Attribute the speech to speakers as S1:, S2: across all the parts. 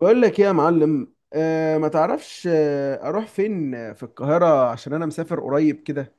S1: بقول لك ايه يا معلم، ما تعرفش. اروح فين في القاهرة؟ عشان انا مسافر قريب كده.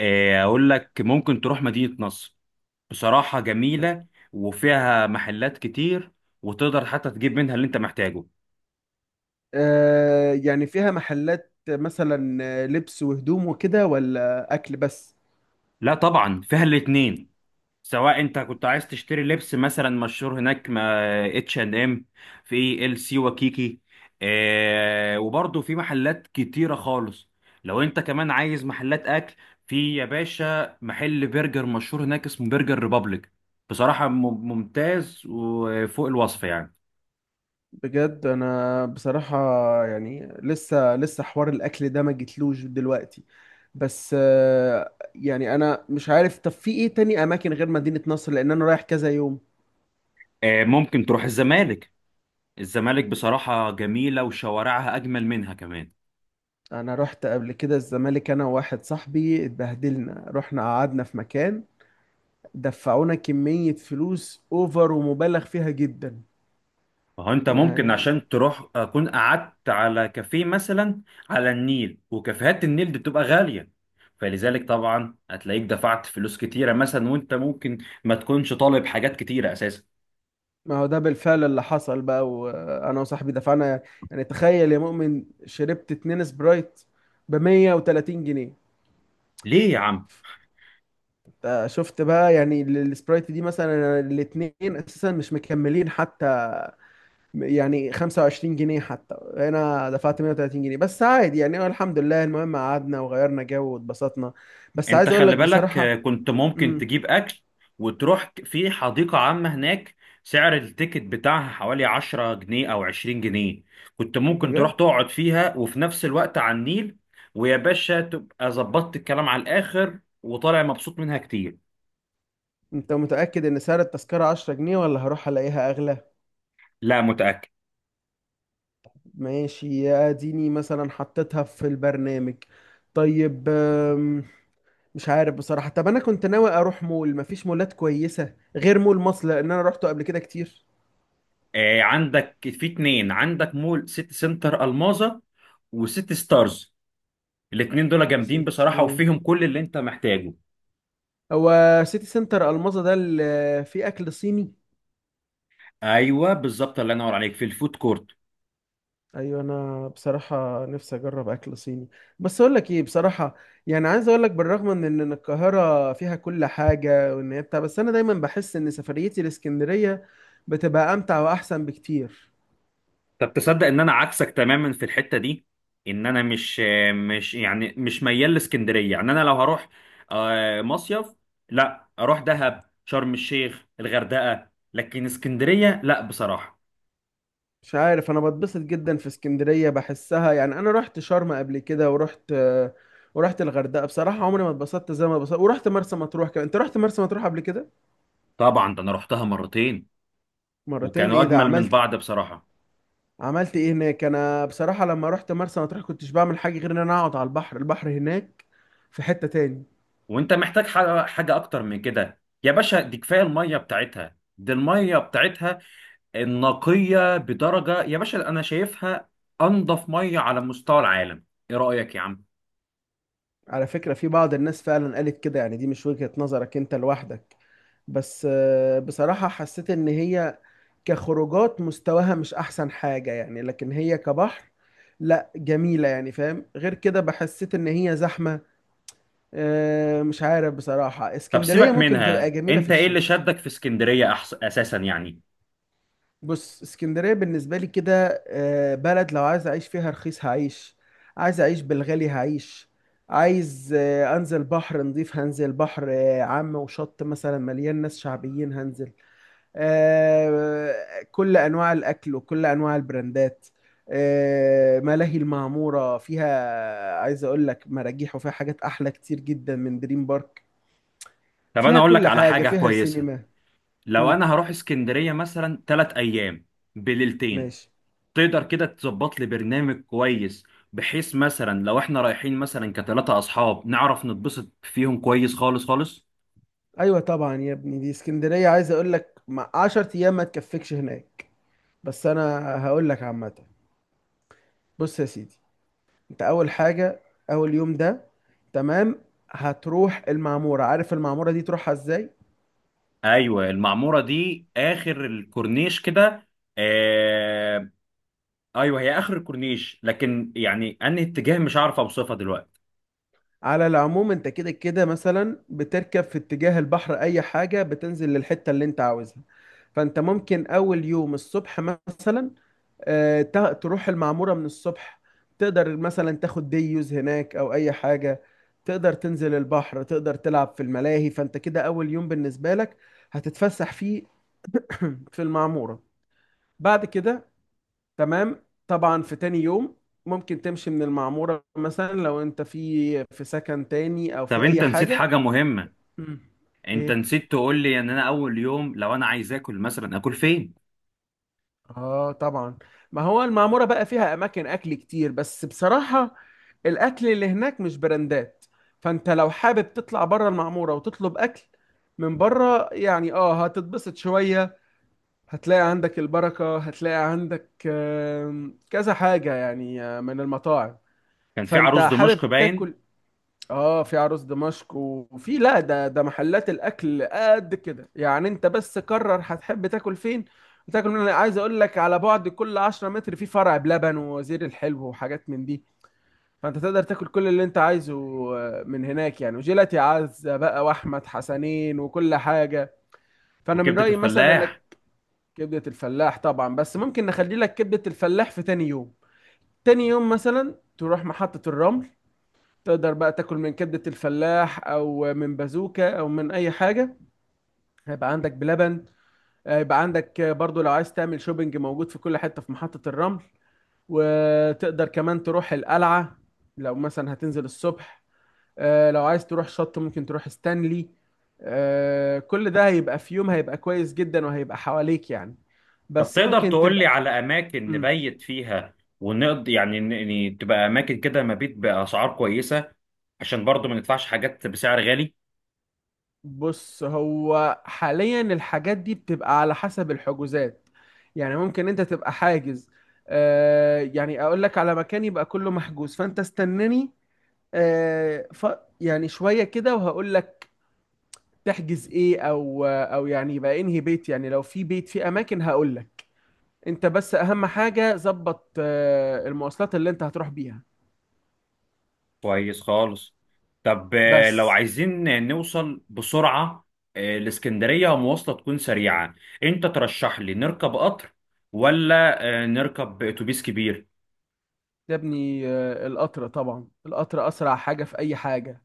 S2: آه، اقول لك ممكن تروح مدينة نصر. بصراحة جميلة وفيها محلات كتير، وتقدر حتى تجيب منها اللي انت محتاجه.
S1: يعني فيها محلات مثلا لبس وهدوم وكده ولا اكل بس؟
S2: لا طبعا فيها الاتنين. سواء انت كنت عايز تشتري لبس مثلا مشهور هناك ما اتش اند ام، في ال سي وكيكي. آه وبرضه في محلات كتيرة خالص. لو انت كمان عايز محلات اكل، في يا باشا محل برجر مشهور هناك اسمه برجر ريبابليك. بصراحة ممتاز وفوق الوصف يعني.
S1: بجد انا بصراحة، يعني لسه حوار الاكل ده ما جتلوش دلوقتي. بس يعني انا مش عارف. طب في ايه تاني اماكن غير مدينة نصر، لان انا رايح كذا يوم.
S2: آه، ممكن تروح الزمالك. الزمالك بصراحة جميلة وشوارعها أجمل منها كمان.
S1: انا رحت قبل كده الزمالك انا وواحد صاحبي، اتبهدلنا. رحنا قعدنا في مكان دفعونا كمية فلوس اوفر ومبالغ فيها جدا.
S2: فهو أنت ممكن
S1: يعني
S2: عشان تروح أكون قعدت على كافيه مثلا على النيل، وكافيهات النيل دي بتبقى غالية، فلذلك طبعا هتلاقيك دفعت فلوس كتيرة، مثلا وأنت ممكن ما تكونش طالب حاجات كتيرة أساسا.
S1: ما هو ده بالفعل اللي حصل بقى، وانا وصاحبي دفعنا. يعني تخيل يا مؤمن، شربت اتنين سبرايت ب 130 جنيه.
S2: ليه يا عم؟
S1: انت شفت بقى؟ يعني السبرايت دي مثلا الاتنين اساسا مش مكملين حتى، يعني 25 جنيه. حتى انا دفعت 130 جنيه بس عادي يعني، هو الحمد لله. المهم قعدنا وغيرنا جو واتبسطنا. بس
S2: انت
S1: عايز اقول
S2: خلي
S1: لك
S2: بالك، آه،
S1: بصراحة.
S2: كنت ممكن
S1: امم
S2: تجيب اكل وتروح في حديقة عامة هناك. سعر التيكت بتاعها حوالي 10 جنيه او 20 جنيه. كنت ممكن تروح
S1: بجد.
S2: تقعد فيها وفي نفس الوقت على النيل، ويا باشا تبقى ظبطت الكلام على الاخر وطالع مبسوط منها كتير.
S1: انت متأكد ان سعر التذكرة 10 جنيه، ولا هروح الاقيها اغلى؟
S2: لا، متأكد.
S1: ماشي، يا اديني مثلا حطيتها في البرنامج. طيب مش عارف بصراحة. طب انا كنت ناوي اروح مول، مفيش مولات كويسة غير مول مصر، لان انا روحته قبل كده كتير.
S2: آه عندك في اتنين، عندك مول سيتي سنتر الماظة وسيتي ستارز. الاتنين دول جامدين بصراحة
S1: سيتي
S2: وفيهم كل اللي انت محتاجه.
S1: هو سيتي سنتر الماظة ده اللي فيه اكل صيني؟
S2: ايوه بالظبط، الله ينور عليك، في الفود كورت.
S1: ايوه انا بصراحه نفسي اجرب اكل صيني. بس اقول لك ايه بصراحه، يعني عايز اقول لك بالرغم من إن القاهره فيها كل حاجه وان هي بتاع، بس انا دايما بحس ان سفريتي لاسكندريه بتبقى امتع واحسن بكتير.
S2: طب تصدق ان انا عكسك تماما في الحته دي؟ ان انا مش، مش ميال لاسكندريه. يعني انا لو هروح، آه، مصيف، لا اروح دهب، شرم الشيخ، الغردقه، لكن اسكندريه لا بصراحه.
S1: مش عارف، انا بتبسط جدا في اسكندريه بحسها. يعني انا رحت شرم قبل كده ورحت الغردقه. بصراحه عمري ما اتبسطت زي ما اتبسطت. ورحت مرسى مطروح كمان. انت رحت مرسى مطروح قبل كده؟
S2: طبعا، ده انا رحتها مرتين
S1: مرتين،
S2: وكانوا
S1: ايه ده،
S2: اجمل من
S1: عملت
S2: بعض بصراحه.
S1: عملت ايه هناك؟ انا بصراحه لما رحت مرسى مطروح كنتش بعمل حاجه غير ان انا اقعد على البحر هناك في حته تاني.
S2: وانت محتاج حاجه اكتر من كده يا باشا؟ دي كفايه الميه بتاعتها. دي الميه بتاعتها النقيه بدرجه يا باشا، انا شايفها انضف ميه على مستوى العالم. ايه رايك يا عم؟
S1: على فكره، في بعض الناس فعلا قالت كده. يعني دي مش وجهه نظرك انت لوحدك، بس بصراحه حسيت ان هي كخروجات مستواها مش احسن حاجه يعني. لكن هي كبحر، لا جميله يعني، فاهم؟ غير كده بحسيت ان هي زحمه. مش عارف بصراحه،
S2: طب
S1: اسكندريه
S2: سيبك
S1: ممكن بتبقى
S2: منها،
S1: جميله في
S2: انت ايه اللي
S1: الشتاء.
S2: شدك في اسكندرية أحس اساسا يعني؟
S1: بص، اسكندرية بالنسبة لي كده بلد، لو عايز أعيش فيها رخيص هعيش، عايز أعيش بالغالي هعيش. عايز أنزل بحر نضيف هنزل، بحر عام وشط مثلا مليان ناس شعبيين هنزل. آه، كل أنواع الأكل وكل أنواع البراندات. ملاهي المعمورة فيها عايز أقول لك مراجيح، وفيها حاجات أحلى كتير جدا من دريم بارك.
S2: طب انا
S1: فيها
S2: اقول لك
S1: كل
S2: على
S1: حاجة،
S2: حاجة
S1: فيها
S2: كويسة.
S1: سينما.
S2: لو
S1: مم،
S2: انا هروح اسكندرية مثلا 3 ايام بليلتين،
S1: ماشي.
S2: تقدر كده تظبط لي برنامج كويس؟ بحيث مثلا لو احنا رايحين مثلا كثلاثة اصحاب، نعرف نتبسط فيهم كويس خالص خالص.
S1: ايوه طبعا يا ابني، دي اسكندريه عايز اقول لك مع 10 ايام ما تكفكش هناك. بس انا هقول لك عامه. بص يا سيدي، انت اول حاجه، اول يوم ده تمام، هتروح المعموره. عارف المعموره دي تروحها ازاي؟
S2: ايوه، المعمورة دي اخر الكورنيش كده. آه... ايوه هي اخر الكورنيش، لكن يعني انهي اتجاه مش عارف اوصفها دلوقتي.
S1: على العموم، انت كده كده مثلا بتركب في اتجاه البحر، اي حاجه بتنزل للحته اللي انت عاوزها. فانت ممكن اول يوم الصبح مثلا تروح المعمورة من الصبح. تقدر مثلا تاخد ديوز هناك أو أي حاجة. تقدر تنزل البحر، تقدر تلعب في الملاهي. فأنت كده أول يوم بالنسبة لك هتتفسح فيه في المعمورة. بعد كده تمام، طبعا في تاني يوم ممكن تمشي من المعمورة، مثلا لو أنت في سكن تاني أو
S2: طب
S1: في أي
S2: انت نسيت
S1: حاجة.
S2: حاجة مهمة.
S1: مم.
S2: انت نسيت تقول لي ان انا اول يوم لو انا عايز اكل، مثلا اكل فين؟
S1: اه طبعا، ما هو المعمورة بقى فيها اماكن اكل كتير، بس بصراحة الاكل اللي هناك مش براندات. فانت لو حابب تطلع بره المعمورة وتطلب اكل من بره، يعني اه هتتبسط شوية. هتلاقي عندك البركة، هتلاقي عندك كذا حاجة يعني، من المطاعم.
S2: كان في
S1: فانت
S2: عروس
S1: حابب
S2: دمشق باين.
S1: تاكل. اه في عروس دمشق، وفي، لا، ده محلات الاكل قد كده يعني. انت بس قرر هتحب تاكل فين وتاكل من. انا عايز اقول لك على بعد كل 10 متر في فرع بلبن ووزير الحلو وحاجات من دي. فانت تقدر تاكل كل اللي انت عايزه من هناك يعني. وجيلاتي عزة بقى واحمد حسنين وكل حاجه. فانا من
S2: وكبدة
S1: رايي مثلا
S2: الفلاح.
S1: انك، كبده الفلاح طبعا، بس ممكن نخلي لك كبده الفلاح في تاني يوم. تاني يوم مثلا تروح محطه الرمل، تقدر بقى تاكل من كبدة الفلاح او من بازوكا او من اي حاجة. هيبقى عندك بلبن، هيبقى عندك برضو لو عايز تعمل شوبينج موجود في كل حتة في محطة الرمل. وتقدر كمان تروح القلعة لو مثلا هتنزل الصبح. لو عايز تروح شط ممكن تروح ستانلي. كل ده هيبقى في يوم، هيبقى كويس جدا وهيبقى حواليك يعني.
S2: طب
S1: بس
S2: تقدر
S1: ممكن
S2: تقول لي
S1: تبقى.
S2: على اماكن
S1: مم.
S2: نبيت فيها ونقضي، يعني تبقى اماكن كده مبيت باسعار كويسة، عشان برضو ما ندفعش حاجات بسعر غالي؟
S1: بص، هو حاليا الحاجات دي بتبقى على حسب الحجوزات. يعني ممكن انت تبقى حاجز. يعني اقول لك على مكان يبقى كله محجوز، فانت استناني. آه ف يعني شوية كده وهقول لك تحجز ايه، او يعني يبقى انهي بيت. يعني لو في بيت في اماكن هقول لك. انت بس اهم حاجة ظبط المواصلات اللي انت هتروح بيها.
S2: كويس خالص. طب آه، لو
S1: بس
S2: عايزين نوصل بسرعة، آه، الاسكندرية مواصلة تكون سريعة، انت ترشح لي نركب قطر ولا آه، نركب اتوبيس كبير؟
S1: يا ابني القطر، طبعا القطر اسرع حاجة في اي حاجة.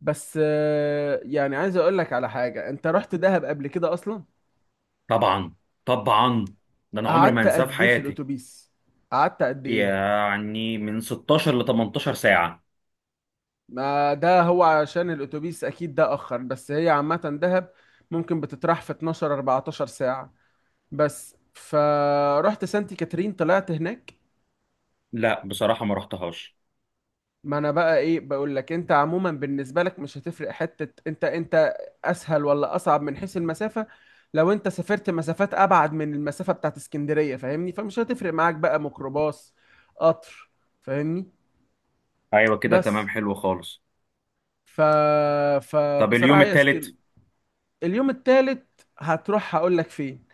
S1: بس يعني عايز اقول لك على حاجة، انت رحت دهب قبل كده اصلا؟
S2: طبعا، طبعا، ده انا عمري ما
S1: قعدت
S2: هنساه في
S1: قد ايه في
S2: حياتي.
S1: الاتوبيس؟ قعدت قد ايه؟
S2: يعني من 16 ل 18 ساعة.
S1: ما ده هو عشان الاتوبيس اكيد ده اخر، بس هي عامة دهب ممكن بتطرح في 12 14 ساعة. بس فرحت سانتي كاترين طلعت هناك.
S2: لا بصراحة ما رحتهاش.
S1: ما انا بقى ايه بقول لك، انت عموما بالنسبه لك مش هتفرق حته انت اسهل ولا اصعب من حيث المسافه. لو انت سافرت مسافات ابعد من المسافه بتاعت اسكندريه، فاهمني؟ فمش هتفرق معاك بقى ميكروباص قطر، فاهمني؟
S2: ايوه كده تمام،
S1: بس
S2: حلو خالص.
S1: ف
S2: طب اليوم
S1: فبصراحه يا
S2: الثالث؟
S1: اسكن. اليوم التالت هتروح، هقول لك فين.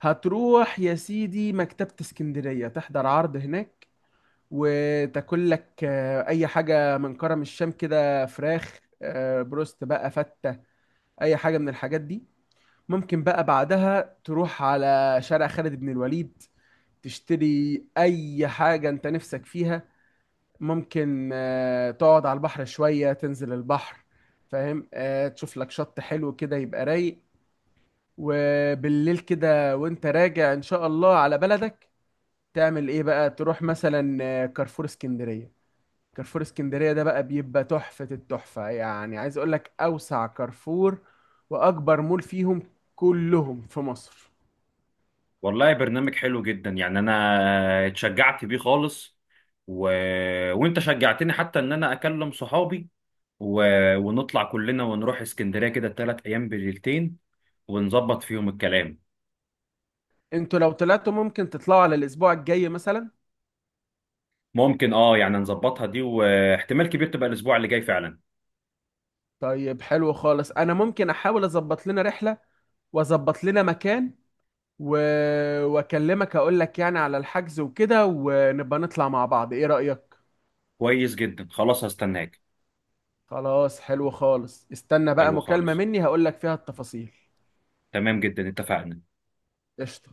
S1: هتروح يا سيدي مكتبه اسكندريه، تحضر عرض هناك، وتاكل لك اي حاجه من كرم الشام كده، فراخ بروست بقى، فته، اي حاجه من الحاجات دي. ممكن بقى بعدها تروح على شارع خالد بن الوليد، تشتري اي حاجه انت نفسك فيها. ممكن تقعد على البحر شويه، تنزل البحر. فاهم؟ تشوف لك شط حلو كده يبقى رايق. وبالليل كده وانت راجع ان شاء الله على بلدك، تعمل ايه بقى؟ تروح مثلا كارفور اسكندريه. كارفور اسكندرية ده بقى بيبقى تحفة التحفة، يعني عايز اقول لك اوسع كارفور واكبر مول فيهم كلهم في مصر.
S2: والله برنامج حلو جدا، يعني انا اتشجعت بيه خالص، و... وانت شجعتني حتى ان انا اكلم صحابي، و... ونطلع كلنا ونروح اسكندرية كده 3 ايام بليلتين ونظبط فيهم الكلام.
S1: انتوا لو طلعتوا ممكن تطلعوا على الاسبوع الجاي مثلا.
S2: ممكن اه يعني نظبطها دي، واحتمال كبير تبقى الاسبوع اللي جاي فعلا.
S1: طيب حلو خالص، انا ممكن احاول اظبط لنا رحلة واظبط لنا مكان و... واكلمك اقول لك يعني على الحجز وكده، ونبقى نطلع مع بعض. ايه رأيك؟
S2: كويس جدا، خلاص هستناك.
S1: خلاص حلو خالص، استنى بقى
S2: حلو
S1: مكالمة
S2: خالص،
S1: مني هقول لك فيها التفاصيل.
S2: تمام جدا، اتفقنا.
S1: قشطة.